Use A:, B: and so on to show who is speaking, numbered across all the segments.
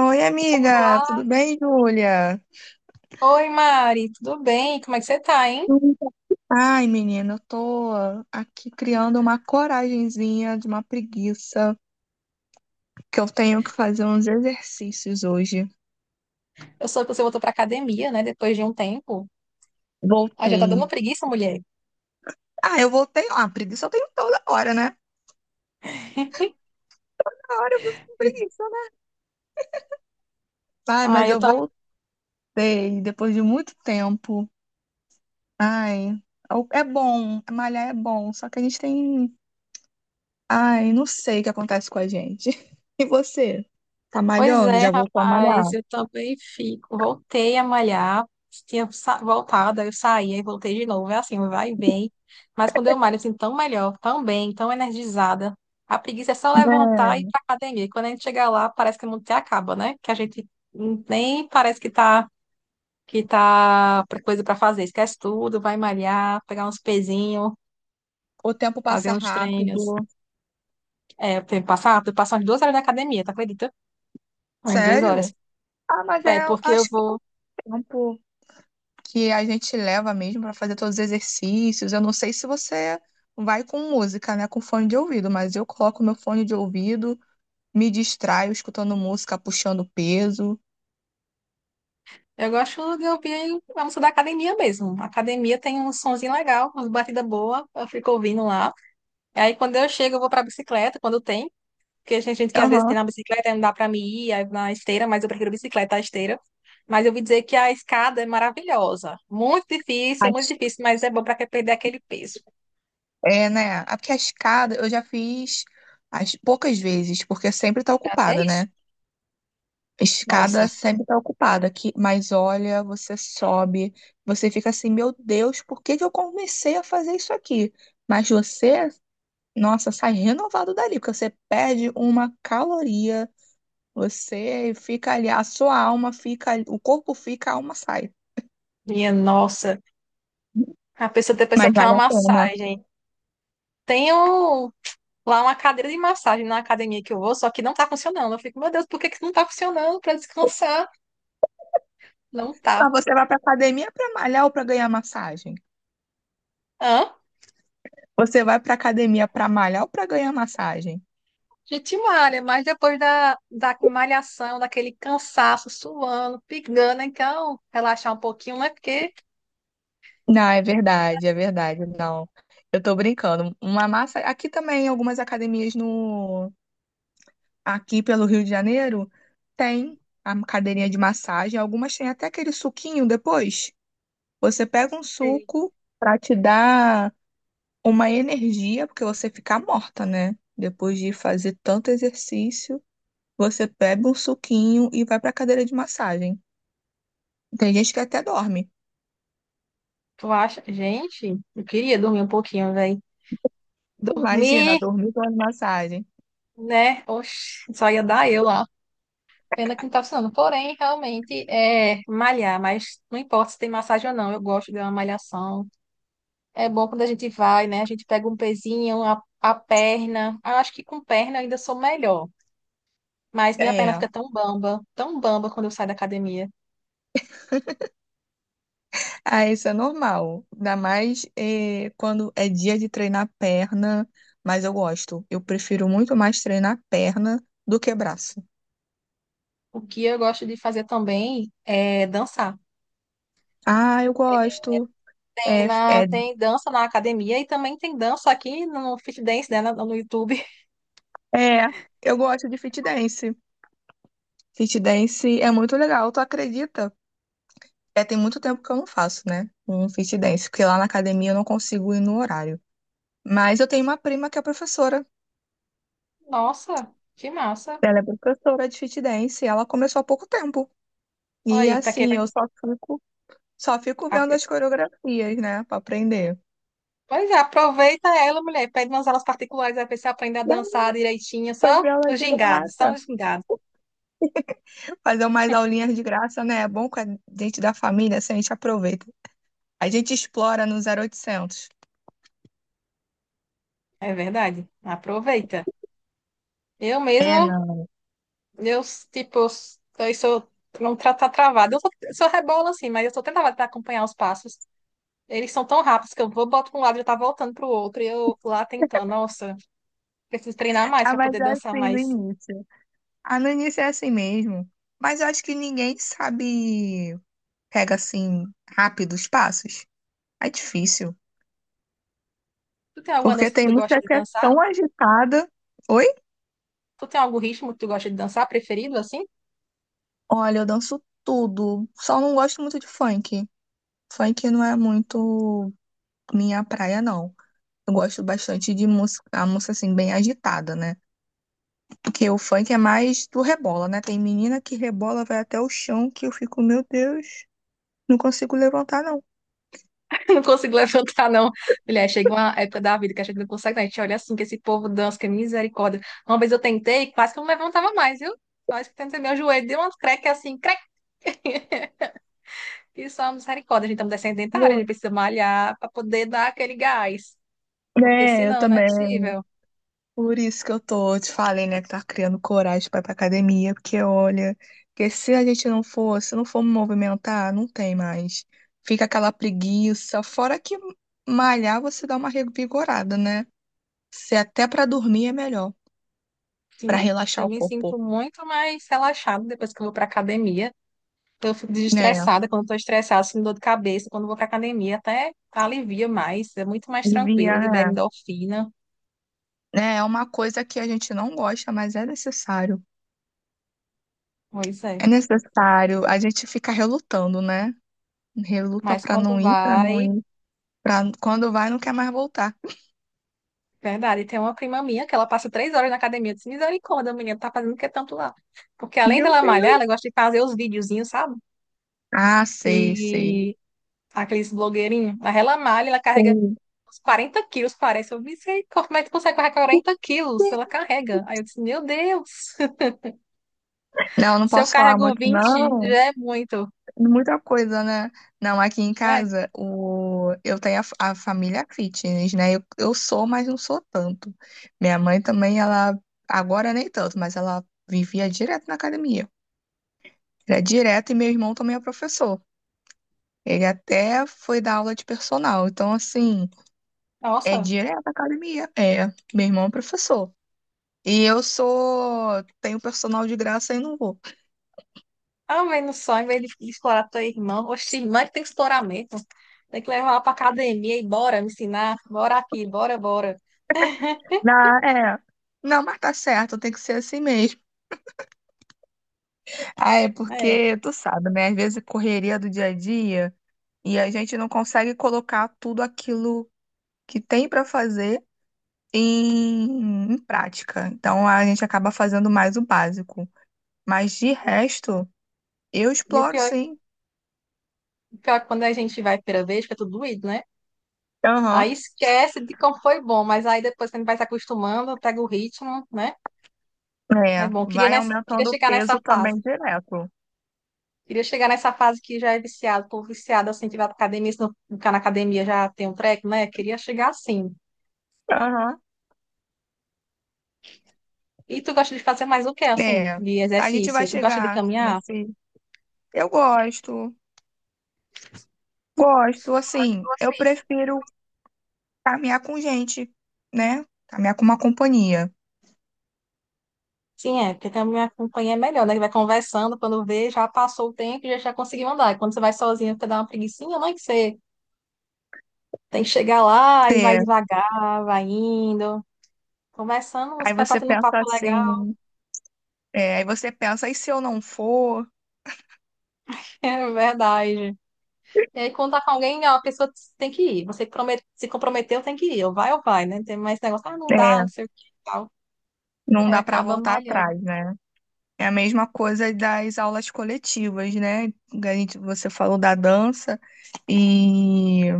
A: Oi, amiga,
B: Olá,
A: tudo bem, Júlia?
B: oi Mari, tudo bem? Como é que você tá, hein?
A: Tudo. Ai, menina, eu tô aqui criando uma coragenzinha de uma preguiça, que eu tenho que fazer uns exercícios hoje.
B: Eu soube que você voltou pra academia, né, depois de um tempo. Ah, já tá
A: Voltei.
B: dando preguiça, mulher.
A: Ah, eu voltei. Ah, preguiça eu tenho toda hora, né? Toda hora eu vivo com
B: Eu-
A: preguiça, né? Ai,
B: Ah,
A: mas
B: eu
A: eu
B: também.
A: voltei depois de muito tempo. Ai, é bom, malhar é bom, só que a gente tem. Ai, não sei o que acontece com a gente. E você? Tá
B: Pois
A: malhando?
B: é,
A: Já voltou a
B: rapaz,
A: malhar?
B: eu também fico. Voltei a malhar, tinha voltado, aí eu saí, aí voltei de novo. É assim, vai e vem. Mas quando eu malho, assim, tão melhor, tão bem, tão energizada. A preguiça é só levantar e
A: Né?
B: ir pra academia. E quando a gente chegar lá, parece que o mundo até acaba, né? Que a gente nem parece que tá. Que tá coisa para fazer. Esquece tudo, vai malhar, pegar uns pezinhos,
A: O tempo
B: fazer
A: passa
B: uns treinos.
A: rápido.
B: É, eu tenho que passar, eu passo umas 2 horas na academia, tá, acredita? Umas 2 horas.
A: Sério? Ah, mas
B: É,
A: é,
B: porque eu
A: acho que é o
B: vou.
A: tempo que a gente leva mesmo para fazer todos os exercícios. Eu não sei se você vai com música, né, com fone de ouvido, mas eu coloco meu fone de ouvido, me distraio escutando música, puxando peso.
B: Eu gosto de ouvir a música da academia mesmo. A academia tem um sonzinho legal, uma batida boa, eu fico ouvindo lá. Aí quando eu chego, eu vou pra bicicleta, quando tem. Porque tem gente que às vezes
A: Aham.
B: tem na bicicleta, aí não dá pra me ir, aí na esteira, mas eu prefiro bicicleta à esteira. Mas eu ouvi dizer que a escada é maravilhosa. Muito
A: As-
B: difícil, mas é bom pra quem perder aquele peso.
A: É, né? Ah, porque a escada eu já fiz as poucas vezes, porque sempre tá
B: Já
A: ocupada,
B: fez?
A: né?
B: Nossa,
A: Escada sempre tá ocupada, que, mas olha, você sobe, você fica assim, meu Deus, por que que eu comecei a fazer isso aqui? Mas você, nossa, sai renovado dali, porque você perde uma caloria, você fica ali, a sua alma fica, ali, o corpo fica, a alma sai.
B: minha nossa. A pessoa tem, pessoa
A: Mas
B: que quer uma
A: vale a pena.
B: massagem. Tem um- Lá uma cadeira de massagem na academia que eu vou, só que não tá funcionando. Eu fico, meu Deus, por que que não tá funcionando? Pra descansar? Não
A: Pra
B: tá.
A: você vai pra academia pra malhar ou pra ganhar massagem?
B: Hã?
A: Você vai pra academia pra malhar ou pra ganhar massagem?
B: Gente malha, mas depois da malhação, daquele cansaço, suando, pingando, então relaxar um pouquinho, né? Porque...
A: Não, é verdade, é verdade. Não, eu tô brincando. Uma massa. Aqui também, algumas academias no. Aqui pelo Rio de Janeiro, tem a cadeirinha de massagem. Algumas têm até aquele suquinho depois. Você pega um
B: Sei.
A: suco pra te dar uma energia, porque você fica morta, né? Depois de fazer tanto exercício, você pega um suquinho e vai pra cadeira de massagem. Tem gente que até dorme.
B: Tu acha, gente, eu queria dormir um pouquinho, velho.
A: Imagina,
B: Dormir,
A: dormir com massagem.
B: né? Oxi, só ia dar eu lá. Pena que não tá funcionando. Porém, realmente é malhar, mas não importa se tem massagem ou não, eu gosto de uma malhação. É bom quando a gente vai, né? A gente pega um pezinho, a perna. Eu acho que com perna eu ainda sou melhor. Mas minha perna
A: É.
B: fica tão bamba quando eu saio da academia.
A: Ah, isso é normal. Ainda mais quando é dia de treinar perna, mas eu gosto. Eu prefiro muito mais treinar perna do que braço.
B: O que eu gosto de fazer também é dançar.
A: Ah, eu gosto.
B: Tem,
A: É,
B: na,
A: é,
B: tem dança na academia e também tem dança aqui no Fit Dance, né, no YouTube.
A: é. Eu gosto de fit dance. Fit dance é muito legal, tu acredita? É, tem muito tempo que eu não faço, né? Um fit dance, porque lá na academia eu não consigo ir no horário. Mas eu tenho uma prima que é professora.
B: Nossa, que massa.
A: Ela é professora de fit dance, e ela começou há pouco tempo.
B: Olha
A: E
B: aí, pra quem
A: assim, eu
B: vai...
A: só fico. Só fico vendo
B: apro-
A: as coreografias, né, pra aprender.
B: Pois é, aproveita ela, mulher. Pede umas aulas particulares, aí pra você aprender a
A: E aí,
B: dançar direitinho, só
A: fazer aula
B: os
A: de
B: gingados,
A: graça.
B: só os gingados.
A: Fazer umas aulinhas de graça, né? É bom com a gente da família, assim, a gente aproveita. A gente explora no 0800.
B: É verdade. Aproveita. Eu
A: É,
B: mesmo
A: não.
B: Eu, tipo, eu sou, não tá, tá travado. Eu sou rebola, assim, mas eu sou, tão tentar acompanhar os passos. Eles são tão rápidos que eu vou, boto para um lado e tá voltando pro outro. E eu lá tentando, nossa, preciso treinar mais
A: Ah,
B: para
A: mas
B: poder
A: é
B: dançar
A: assim no
B: mais.
A: início. Ah, no início é assim mesmo. Mas eu acho que ninguém sabe, pega assim, rápido os passos. É difícil.
B: Tu tem alguma
A: Porque
B: dança que
A: tem
B: tu gosta
A: música
B: de
A: que é
B: dançar?
A: tão agitada. Oi?
B: Tu tem algum ritmo que tu gosta de dançar, preferido, assim?
A: Olha, eu danço tudo. Só não gosto muito de funk. Funk não é muito minha praia, não. Eu gosto bastante de música, a música assim, bem agitada, né? Porque o funk é mais do rebola, né? Tem menina que rebola, vai até o chão, que eu fico, meu Deus, não consigo levantar, não.
B: Não consigo levantar, não. Mulher, chega uma época da vida que a gente não consegue, não. A gente olha assim, que esse povo dança, que é misericórdia. Uma vez eu tentei, quase que eu não levantava mais, viu? Mas que tentei, meu joelho deu um creque assim, creque. E só misericórdia, a gente estamos descendentários, a
A: Vou.
B: gente precisa malhar para poder dar aquele gás. Porque
A: É, eu
B: senão não é
A: também.
B: possível.
A: Por isso que eu tô, te falei, né, que tá criando coragem pra ir pra academia, porque olha, porque se a gente não for, se não for movimentar, não tem mais. Fica aquela preguiça, fora que malhar você dá uma revigorada, né? Se até pra dormir é melhor. Para
B: Sim,
A: relaxar
B: eu
A: o
B: me
A: corpo.
B: sinto muito mais relaxada depois que eu vou para academia. Eu fico
A: Né,
B: desestressada. Quando estou estressada, sinto dor de cabeça, quando vou para academia, até alivia mais, é muito mais tranquilo,
A: devia,
B: libera
A: né?
B: endorfina.
A: É uma coisa que a gente não gosta, mas é necessário.
B: Pois
A: É
B: é.
A: necessário. A gente fica relutando, né? Reluta
B: Mas
A: pra
B: quando
A: não ir, pra não
B: vai...
A: ir. Pra... Quando vai, não quer mais voltar.
B: Verdade, tem uma prima minha que ela passa 3 horas na academia. Eu disse, misericórdia, menina, tá fazendo o que tanto lá? Porque além
A: Meu
B: dela malhar,
A: Deus.
B: ela gosta de fazer os videozinhos, sabe?
A: Ah, sei, sei.
B: De Aqueles blogueirinhos. Mas ela malha, ela carrega
A: Sei.
B: uns 40 quilos, parece. Eu disse, como é que tu consegue carregar 40 quilos? Ela carrega. Aí eu disse, meu Deus,
A: Não, não
B: se eu
A: posso falar
B: carrego
A: muito,
B: 20
A: não.
B: já é muito.
A: Muita coisa, né? Não, aqui em
B: É,
A: casa, o... eu tenho a, a família fitness, né? Eu sou, mas não sou tanto. Minha mãe também, ela, agora nem tanto, mas ela vivia direto na academia. Era direto, e meu irmão também é professor. Ele até foi dar aula de personal. Então, assim, é
B: nossa.
A: direto à academia. É, meu irmão é professor. E eu sou, tenho personal de graça e não vou.
B: Ao menos só, em vez de explorar tua irmã, oxe, irmã que tem que explorar mesmo. Tem que levar ela pra academia e bora me ensinar. Bora aqui, bora, bora.
A: Na, é. Não, mas tá certo, tem que ser assim mesmo. Ah, é
B: É.
A: porque tu sabe, né? Às vezes a correria do dia a dia e a gente não consegue colocar tudo aquilo que tem para fazer em prática. Então a gente acaba fazendo mais o básico. Mas de resto, eu
B: E
A: exploro sim.
B: o pior é que quando a gente vai a primeira vez, fica tudo doído, né? Aí
A: Aham.
B: esquece de como foi bom, mas aí depois quando vai se acostumando, pega o ritmo, né? É
A: É,
B: bom, queria,
A: vai
B: nessa, queria
A: aumentando o
B: chegar nessa
A: peso também
B: fase.
A: direto.
B: Queria chegar nessa fase que já é viciado, tô viciado assim, que vai pra academia, se não ficar na academia já tem um treco, né? Queria chegar assim.
A: Aham.
B: E tu gosta de fazer mais o quê, assim,
A: É,
B: de
A: a gente vai
B: exercício? Tu gosta de
A: chegar
B: caminhar?
A: nesse. Eu gosto, assim, eu
B: Vocês...
A: prefiro caminhar com gente, né? Caminhar com uma companhia.
B: Sim, é, porque caminhar minha companhia é melhor, né? Que vai conversando, quando vê, já passou o tempo e já conseguiu andar. E quando você vai sozinho, você dá uma preguicinha, não é que você tem que chegar lá e vai
A: É,
B: devagar, vai indo. Conversando, você
A: aí
B: vai
A: você
B: batendo um
A: pensa
B: papo legal.
A: assim, é, aí você pensa, e se eu não for?
B: É verdade. E aí, contar com alguém, ó, a pessoa tem que ir. Você que se comprometeu, tem que ir. Ou vai, né? Tem mais negócio, ah, não dá, não
A: É,
B: sei o que e tal.
A: não
B: Aí
A: dá para
B: acaba
A: voltar
B: malhando.
A: atrás, né? É a mesma coisa das aulas coletivas, né? Você falou da dança, e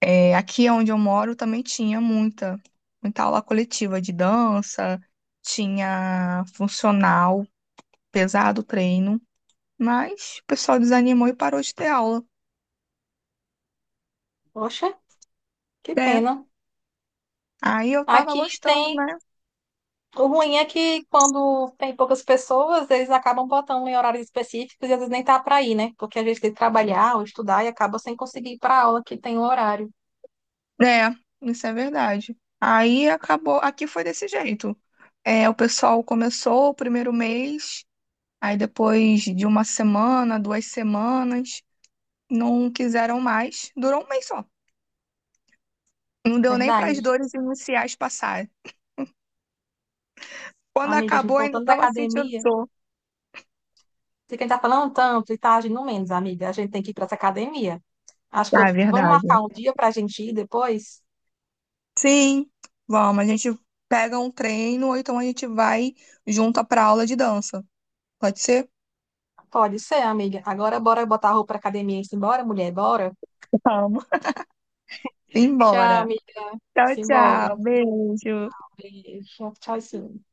A: é, aqui onde eu moro também tinha muita aula coletiva de dança, tinha funcional, pesado o treino, mas o pessoal desanimou e parou de ter aula.
B: Poxa, que
A: É,
B: pena.
A: aí eu tava
B: Aqui
A: gostando,
B: tem.
A: né?
B: O ruim é que quando tem poucas pessoas, eles acabam botando em horários específicos e às vezes nem tá pra ir, né? Porque a gente tem que trabalhar ou estudar e acaba sem conseguir ir pra aula que tem o horário.
A: É, isso é verdade. Aí acabou, aqui foi desse jeito. É, o pessoal começou o primeiro mês, aí depois de uma semana, duas semanas, não quiseram mais. Durou um mês só. Não deu nem para as
B: Verdade.
A: dores iniciais passarem. Quando
B: Amiga, a gente
A: acabou, ainda
B: voltando da
A: estava sentindo
B: academia.
A: dor.
B: Você quem tá falando tanto e tá agindo menos, amiga. A gente tem que ir pra essa academia. Acho que
A: Ah, é
B: eu... Vamos
A: verdade.
B: marcar um dia pra gente ir depois?
A: Sim, vamos, a gente pega um treino, ou então a gente vai junto para aula de dança. Pode ser?
B: Pode ser, amiga. Agora bora botar a roupa pra academia e simbora, mulher, bora?
A: Vamos.
B: Tchau,
A: Embora.
B: amiga.
A: Tchau,
B: Simbora.
A: tchau.
B: Um
A: Beijo.
B: beijo. Tchau, sim.